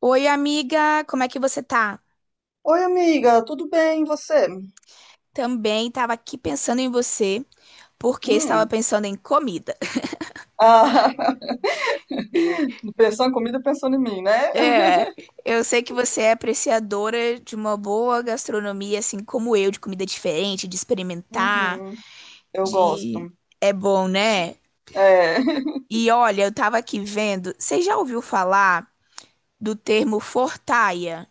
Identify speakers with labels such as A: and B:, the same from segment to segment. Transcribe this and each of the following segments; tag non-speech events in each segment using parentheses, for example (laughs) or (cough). A: Oi, amiga, como é que você tá?
B: Oi, amiga, tudo bem? E você?
A: Também tava aqui pensando em você, porque estava
B: Hum.
A: pensando em comida.
B: Ah,
A: (laughs) E
B: (laughs) pensando em comida, pensando em mim, né?
A: é,
B: (laughs)
A: eu sei que você é apreciadora de uma boa gastronomia, assim como eu, de comida diferente, de experimentar,
B: Uhum, eu gosto.
A: de é bom, né?
B: É. (laughs)
A: E olha, eu tava aqui vendo, você já ouviu falar do termo fortaia?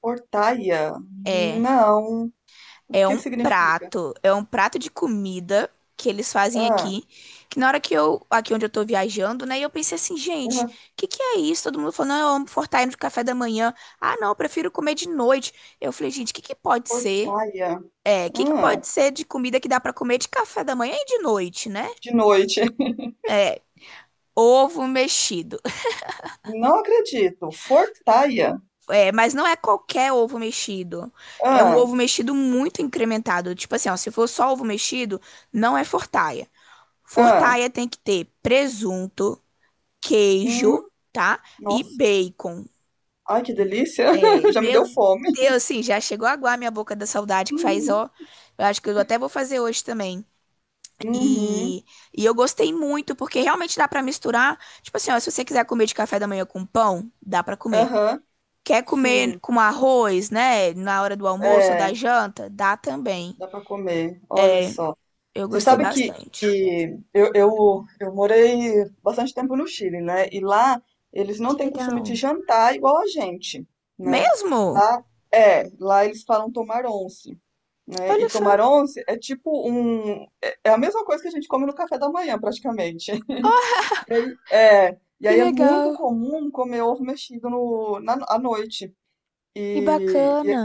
B: Portaia?
A: É.
B: Não. O
A: É
B: que que
A: um
B: significa?
A: prato, é um prato de comida que eles fazem
B: Ah,
A: aqui, que na hora que eu, aqui onde eu tô viajando, né, eu pensei assim, gente, o
B: ah,
A: que que é isso? Todo mundo falou, não, eu amo fortalecer de café da manhã. Ah, não, eu prefiro comer de noite. Eu falei, gente, o que que pode ser?
B: portaia.
A: É, o que que
B: Ah,
A: pode ser de comida que dá pra comer de café da manhã e de noite, né?
B: de noite. (laughs)
A: É, ovo mexido.
B: Não acredito. Fortaia.
A: É, mas não é qualquer ovo mexido. É um
B: Ah,
A: ovo mexido muito incrementado. Tipo assim, ó, se for só ovo mexido, não é fortaia.
B: ah.
A: Fortaia tem que ter presunto, queijo,
B: Hum,
A: tá? E
B: nossa.
A: bacon.
B: Ai, que delícia.
A: É,
B: (laughs) Já me deu
A: meu
B: fome.
A: Deus, assim, já chegou a aguar minha boca da saudade que faz, ó.
B: (laughs)
A: Eu acho que eu até vou fazer hoje também.
B: Uhum, uhum,
A: E, e eu gostei muito, porque realmente dá pra misturar. Tipo assim, ó, se você quiser comer de café da manhã com pão, dá pra comer.
B: aham,
A: Quer comer
B: sim.
A: com arroz, né? Na hora do almoço ou da
B: É.
A: janta, dá também.
B: Dá para comer, olha só.
A: Eu
B: Você
A: gostei
B: sabe que,
A: bastante.
B: que eu morei bastante tempo no Chile, né? E lá eles não
A: Que
B: têm costume de
A: legal.
B: jantar igual a gente, né?
A: Mesmo?
B: Lá, é, lá eles falam tomar once, né? E
A: Olha só,
B: tomar once é tipo um... É a mesma coisa que a gente come no café da manhã, praticamente. (laughs) É, e
A: que
B: aí é muito
A: legal.
B: comum comer ovo mexido no, na, à noite.
A: Que
B: E
A: bacana.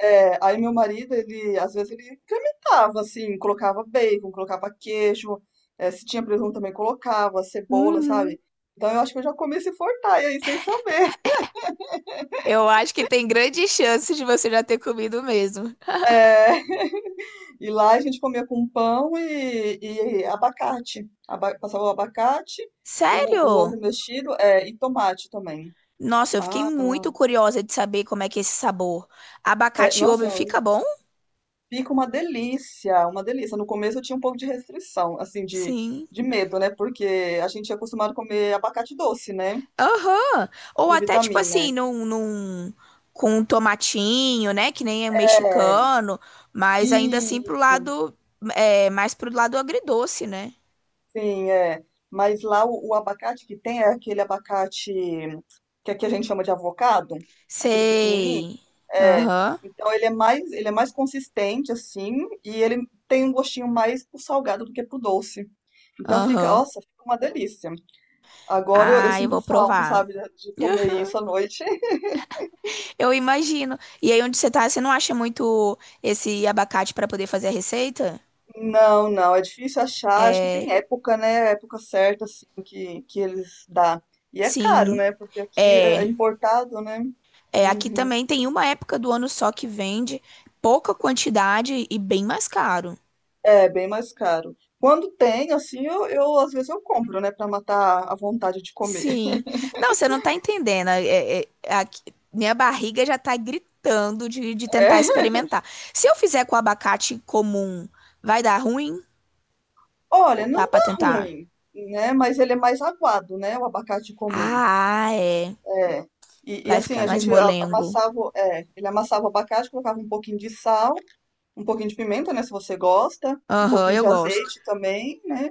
B: é, aí meu marido, ele, às vezes ele incrementava, assim, colocava bacon, colocava queijo, é, se tinha presunto também colocava, cebola,
A: Uhum.
B: sabe? Então eu acho que eu já comi esse fortalha aí, sem saber.
A: Eu acho que tem grandes chances de você já ter comido mesmo.
B: E lá a gente comia com pão e abacate. Aba- passava o abacate, o ovo
A: Sério?
B: mexido, é, e tomate também.
A: Nossa, eu fiquei muito curiosa de saber como é que é esse sabor.
B: É,
A: Abacate e
B: nossa,
A: ovo fica bom?
B: fica uma delícia, uma delícia. No começo eu tinha um pouco de restrição, assim,
A: Sim.
B: de medo, né? Porque a gente é acostumado a comer abacate doce, né?
A: Aham. Ou
B: Com
A: até tipo
B: vitamina.
A: assim, com um tomatinho, né? Que nem é um
B: É,
A: mexicano, mas ainda assim
B: isso,
A: mais pro lado agridoce, né?
B: sim, é. Mas lá o abacate que tem é aquele abacate que aqui a gente chama de avocado, aquele pequenininho.
A: Sei.
B: É.
A: Aham,
B: Então ele é mais consistente assim e ele tem um gostinho mais pro salgado do que pro doce. Então fica,
A: aham.
B: nossa, fica uma delícia. Agora eu
A: Ah, eu
B: sinto
A: vou
B: falta,
A: provar.
B: sabe, de comer
A: (laughs)
B: isso à noite.
A: Eu imagino. E aí onde você tá, você não acha muito esse abacate pra poder fazer a receita?
B: Não, não, é difícil achar. Acho que tem época, né? Época certa, assim, que eles dá. E é caro,
A: Sim.
B: né? Porque aqui é
A: É,
B: importado, né?
A: é, aqui
B: Uhum.
A: também tem uma época do ano só que vende pouca quantidade e bem mais caro.
B: É bem mais caro. Quando tem, assim, eu às vezes eu compro, né? Pra matar a vontade de comer.
A: Sim. Não, você não tá entendendo. Minha barriga já tá gritando de
B: (laughs) É.
A: tentar experimentar. Se eu fizer com abacate comum, vai dar ruim
B: Olha,
A: ou dá
B: não dá
A: pra tentar?
B: ruim, né? Mas ele é mais aguado, né? O abacate comum.
A: Ah, é.
B: É. E
A: Vai
B: assim,
A: ficar
B: a
A: mais
B: gente a-
A: molengo.
B: amassava, é, ele amassava o abacate, colocava um pouquinho de sal, um pouquinho de pimenta, né, se você gosta, um
A: Aham,
B: pouquinho
A: eu
B: de
A: gosto.
B: azeite também, né,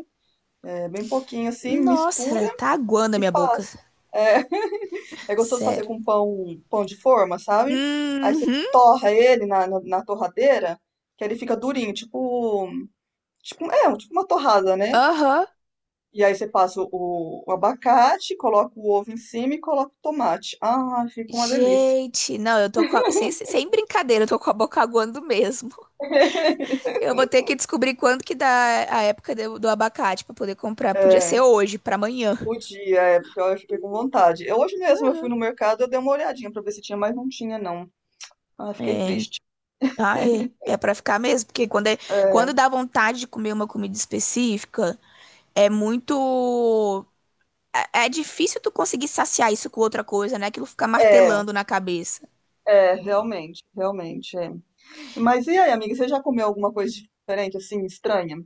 B: é, bem pouquinho assim, mistura
A: Nossa, tá aguando a
B: e
A: minha boca.
B: passa. É, (laughs) é gostoso fazer
A: Sério.
B: com pão, pão de forma, sabe? Aí você
A: Uhum.
B: torra ele na torradeira, que ele fica durinho, tipo, tipo, é, tipo uma torrada, né?
A: Aham.
B: E aí você passa o abacate, coloca o ovo em cima e coloca o tomate. Ah, fica uma delícia.
A: Gente, não, eu tô com a- sem, sem brincadeira, eu tô com a boca aguando mesmo.
B: (laughs)
A: Eu vou ter que descobrir quando que dá a época do abacate pra poder comprar. Podia ser
B: É,
A: hoje, pra amanhã.
B: podia, é, porque eu fiquei com vontade. Eu, hoje mesmo eu fui no mercado, eu dei uma olhadinha pra ver se tinha, mas não tinha, não. Ah, fiquei
A: É,
B: triste.
A: ai, é pra ficar mesmo, porque
B: É,
A: quando dá vontade de comer uma comida específica, é muito. É, é difícil tu conseguir saciar isso com outra coisa, né? Aquilo fica
B: é,
A: martelando na cabeça.
B: é, realmente, realmente, é. Mas e aí, amiga, você já comeu alguma coisa diferente, assim, estranha?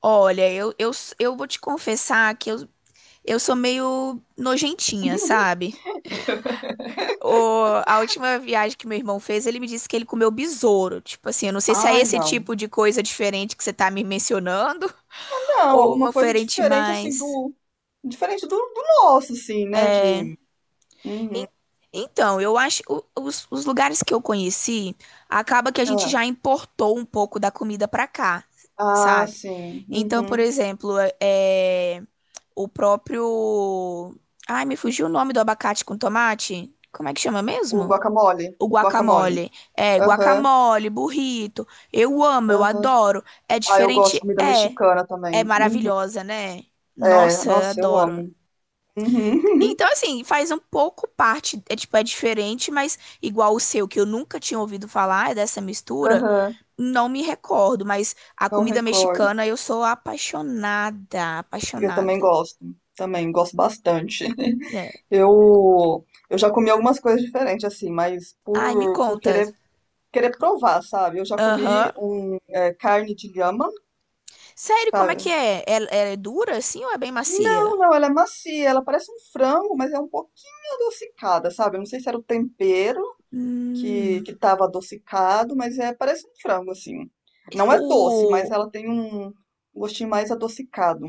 A: Olha, eu vou te confessar que eu sou meio nojentinha,
B: (laughs)
A: sabe? A última viagem que meu irmão fez, ele me disse que ele comeu besouro. Tipo assim, eu não sei se é
B: Ai,
A: esse
B: não.
A: tipo de coisa diferente que você tá me mencionando (laughs)
B: Não,
A: ou
B: alguma
A: uma
B: coisa
A: diferente
B: diferente, assim,
A: mais.
B: do... Diferente do nosso, assim, né, de... Uhum.
A: En- Então, eu acho os lugares que eu conheci, acaba que a gente
B: Ah,
A: já importou um pouco da comida pra cá,
B: ah,
A: sabe?
B: sim.
A: Então, por
B: Uhum.
A: exemplo, o próprio. Ai, me fugiu o nome do abacate com tomate. Como é que chama
B: O
A: mesmo?
B: guacamole.
A: O
B: Guacamole.
A: guacamole. É,
B: Aham,
A: guacamole, burrito. Eu amo, eu
B: aham.
A: adoro. É
B: Ah, eu gosto de
A: diferente?
B: comida
A: É.
B: mexicana também.
A: É
B: Uhum.
A: maravilhosa, né?
B: É,
A: Nossa, eu
B: nossa, eu
A: adoro.
B: amo. Uhum.
A: Então, assim, faz um pouco parte, é tipo, é diferente, mas igual o seu, que eu nunca tinha ouvido falar dessa
B: (laughs)
A: mistura,
B: Aham,
A: não me recordo, mas a
B: Não
A: comida
B: recordo.
A: mexicana eu sou apaixonada,
B: Eu também
A: apaixonada.
B: gosto. Também gosto bastante.
A: É.
B: Eu já comi algumas coisas diferentes, assim, mas
A: Ai, me
B: por
A: conta.
B: querer, querer provar, sabe? Eu já comi
A: Aham.
B: um, é, carne de lhama,
A: Sério, como é
B: sabe?
A: que é? Ela é dura assim ou é bem macia?
B: Não, não, ela é macia, ela parece um frango, mas é um pouquinho adocicada, sabe? Eu não sei se era o tempero
A: Hum.
B: que tava adocicado, mas é, parece um frango, assim. Não é doce, mas
A: O...
B: ela tem um gostinho mais adocicado.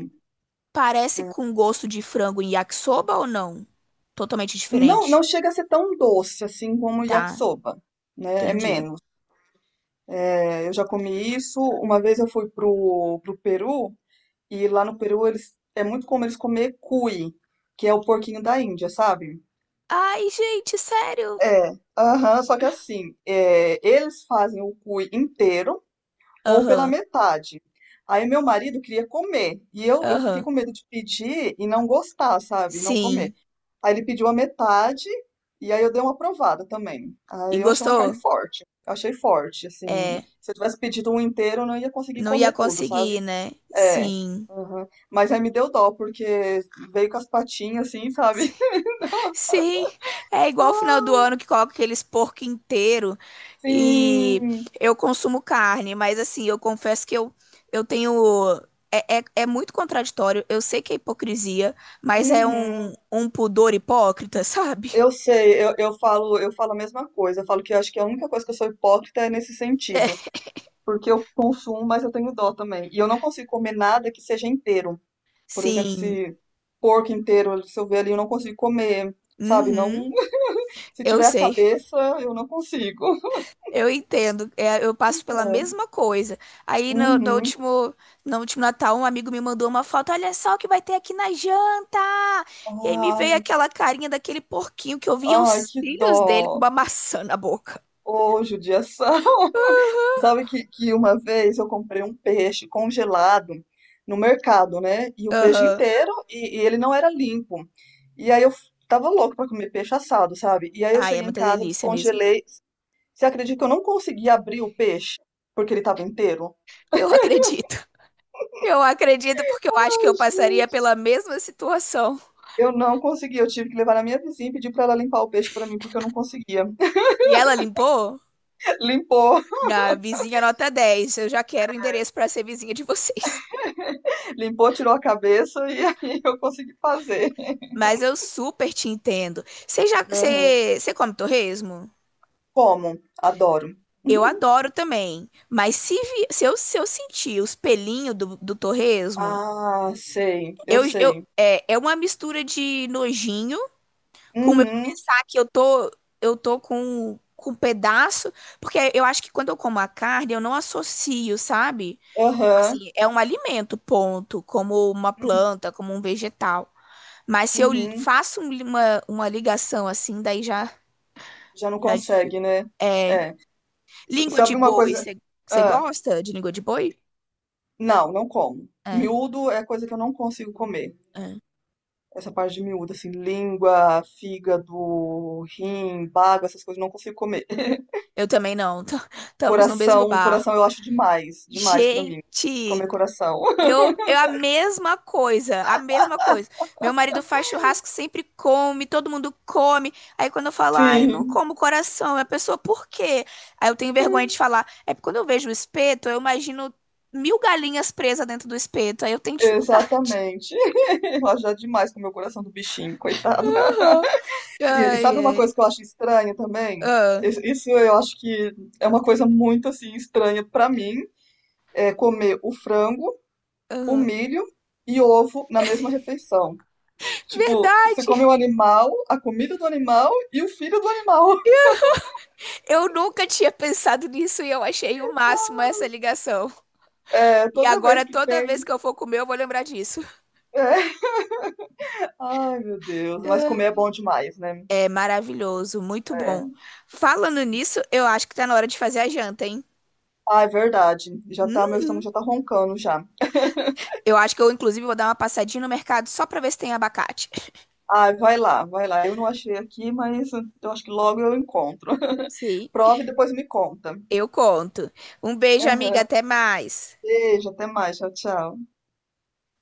A: Parece com gosto de frango em yakisoba ou não? Totalmente
B: Não,
A: diferente.
B: não chega a ser tão doce, assim, como o
A: Tá,
B: yakisoba, né? É
A: entendi.
B: menos. É, eu já comi isso. Uma vez eu fui pro, pro Peru e lá no Peru eles é muito comum eles comer cuy, que é o porquinho da Índia, sabe?
A: Ai, gente, sério.
B: É, aham, só que assim, é, eles fazem o cuy inteiro ou pela
A: Aham,
B: metade. Aí meu marido queria comer e eu fiquei
A: aham.
B: com medo de pedir e não gostar, sabe? E Não comer.
A: Sim.
B: Aí ele pediu a metade e aí eu dei uma aprovada também.
A: E
B: Aí eu achei uma carne
A: gostou?
B: forte. Eu achei forte, assim.
A: É,
B: Se eu tivesse pedido um inteiro, eu não ia conseguir
A: não ia
B: comer tudo,
A: conseguir,
B: sabe?
A: né?
B: É.
A: Sim.
B: aham. Mas aí me deu dó, porque veio com as patinhas, assim, sabe?
A: (laughs)
B: (laughs)
A: Sim, é igual o
B: Ah,
A: final do ano que coloca aqueles porco inteiro e
B: Sim.
A: eu consumo carne, mas assim, eu confesso que eu tenho. É muito contraditório, eu sei que é hipocrisia, mas é um,
B: Uhum.
A: um pudor hipócrita, (laughs) sabe?
B: Eu sei, eu falo a mesma coisa. Eu falo que eu acho que a única coisa que eu sou hipócrita é nesse sentido. Porque eu consumo, mas eu tenho dó também. E eu não consigo comer nada que seja inteiro. Por exemplo,
A: Sim,
B: se porco inteiro, se eu ver ali, eu não consigo comer, sabe? Não,
A: uhum,
B: (laughs) se
A: eu
B: tiver a
A: sei.
B: cabeça, eu não consigo. (laughs)
A: Eu entendo, é, eu passo pela
B: É.
A: mesma coisa. Aí no, no
B: Uhum.
A: último, no último Natal, um amigo me mandou uma foto, olha só o que vai ter aqui na janta. E aí me veio
B: Ai,
A: aquela carinha daquele porquinho que eu via os
B: ai, que
A: cílios dele com
B: dó.
A: uma maçã na boca.
B: Ô, judiação. (laughs) Sabe que uma vez eu comprei um peixe congelado no mercado, né? E o peixe
A: Aham.
B: inteiro, e ele não era limpo. E aí eu f- tava louco pra comer peixe assado, sabe? E aí eu
A: Ai, é
B: cheguei em
A: muita
B: casa,
A: delícia mesmo.
B: descongelei. Você acredita que eu não consegui abrir o peixe? Porque ele tava inteiro?
A: Eu acredito. Eu acredito porque eu acho que eu passaria pela mesma situação.
B: Eu não consegui, eu tive que levar na minha vizinha e pedir para ela limpar o peixe para mim, porque eu não conseguia.
A: E ela limpou?
B: (laughs) Limpou,
A: Na vizinha nota 10. Eu já quero o endereço para ser vizinha de vocês.
B: limpou, tirou a cabeça e (laughs) aí eu consegui fazer.
A: Mas eu super te entendo. Você já,
B: Aham.
A: você, você come torresmo?
B: Como? Adoro.
A: Eu
B: (laughs)
A: adoro também. Mas se eu sentir os pelinhos do torresmo,
B: Ah, sei, eu
A: eu, eu,
B: sei.
A: é, é uma mistura de nojinho com o meu
B: Uhum,
A: que eu tô com um pedaço. Porque eu acho que quando eu como a carne, eu não associo, sabe? Tipo
B: aham,
A: assim, é um alimento, ponto. Como uma
B: uhum,
A: planta, como um vegetal. Mas se eu li-
B: uhum.
A: faço um li- uma, uma ligação assim, daí já.
B: Já não
A: Já dific-
B: consegue, né?
A: É,
B: É. S-
A: língua de
B: sabe uma
A: boi,
B: coisa?
A: você
B: Ah,
A: gosta de língua de boi?
B: não, não como.
A: É,
B: Miúdo é coisa que eu não consigo comer.
A: é.
B: Essa parte de miúdo, assim, língua, fígado, rim, bago, essas coisas, eu não consigo comer. (laughs)
A: Eu também não. Estamos (laughs) no mesmo
B: Coração, coração
A: barco.
B: eu acho demais, demais pra mim.
A: Gente,
B: Comer coração. (laughs)
A: eu a mesma coisa, a mesma coisa. Meu marido faz churrasco, sempre come, todo mundo come. Aí quando eu falo, ai, não
B: Sim,
A: como coração, a pessoa, por quê? Aí eu tenho vergonha de falar. É porque quando eu vejo o espeto, eu imagino mil galinhas presas dentro do espeto. Aí eu tenho dificuldade.
B: exatamente. (laughs) Eu acho já demais comer o coração do bichinho,
A: (laughs)
B: coitado.
A: Aham.
B: E
A: Ai,
B: sabe uma
A: ai.
B: coisa que eu acho estranha também?
A: Ah,
B: Isso isso eu acho que é uma coisa muito assim estranha pra mim, é comer o frango, o
A: aham.
B: milho e ovo na mesma refeição. Tipo, você
A: Verdade!
B: come o animal, a comida do animal e o filho do animal.
A: Eu nunca tinha pensado nisso e eu achei o máximo essa ligação.
B: É,
A: E
B: toda vez
A: agora,
B: que
A: toda
B: tem.
A: vez que eu for comer, eu vou lembrar disso.
B: É. Ai, meu Deus, mas comer é bom demais, né?
A: É maravilhoso, muito bom.
B: É.
A: Falando nisso, eu acho que tá na hora de fazer a janta, hein?
B: Ah, é verdade. Já tá,
A: Hum?
B: meu estômago já tá roncando já.
A: Eu acho que eu, inclusive, vou dar uma passadinha no mercado só pra ver se tem abacate.
B: Ah, vai lá, vai lá. Eu não achei aqui, mas eu acho que logo eu encontro. (laughs)
A: Sim,
B: Prova e depois me conta.
A: eu conto. Um beijo, amiga,
B: Aham.
A: até mais.
B: Beijo, até mais. Tchau, tchau.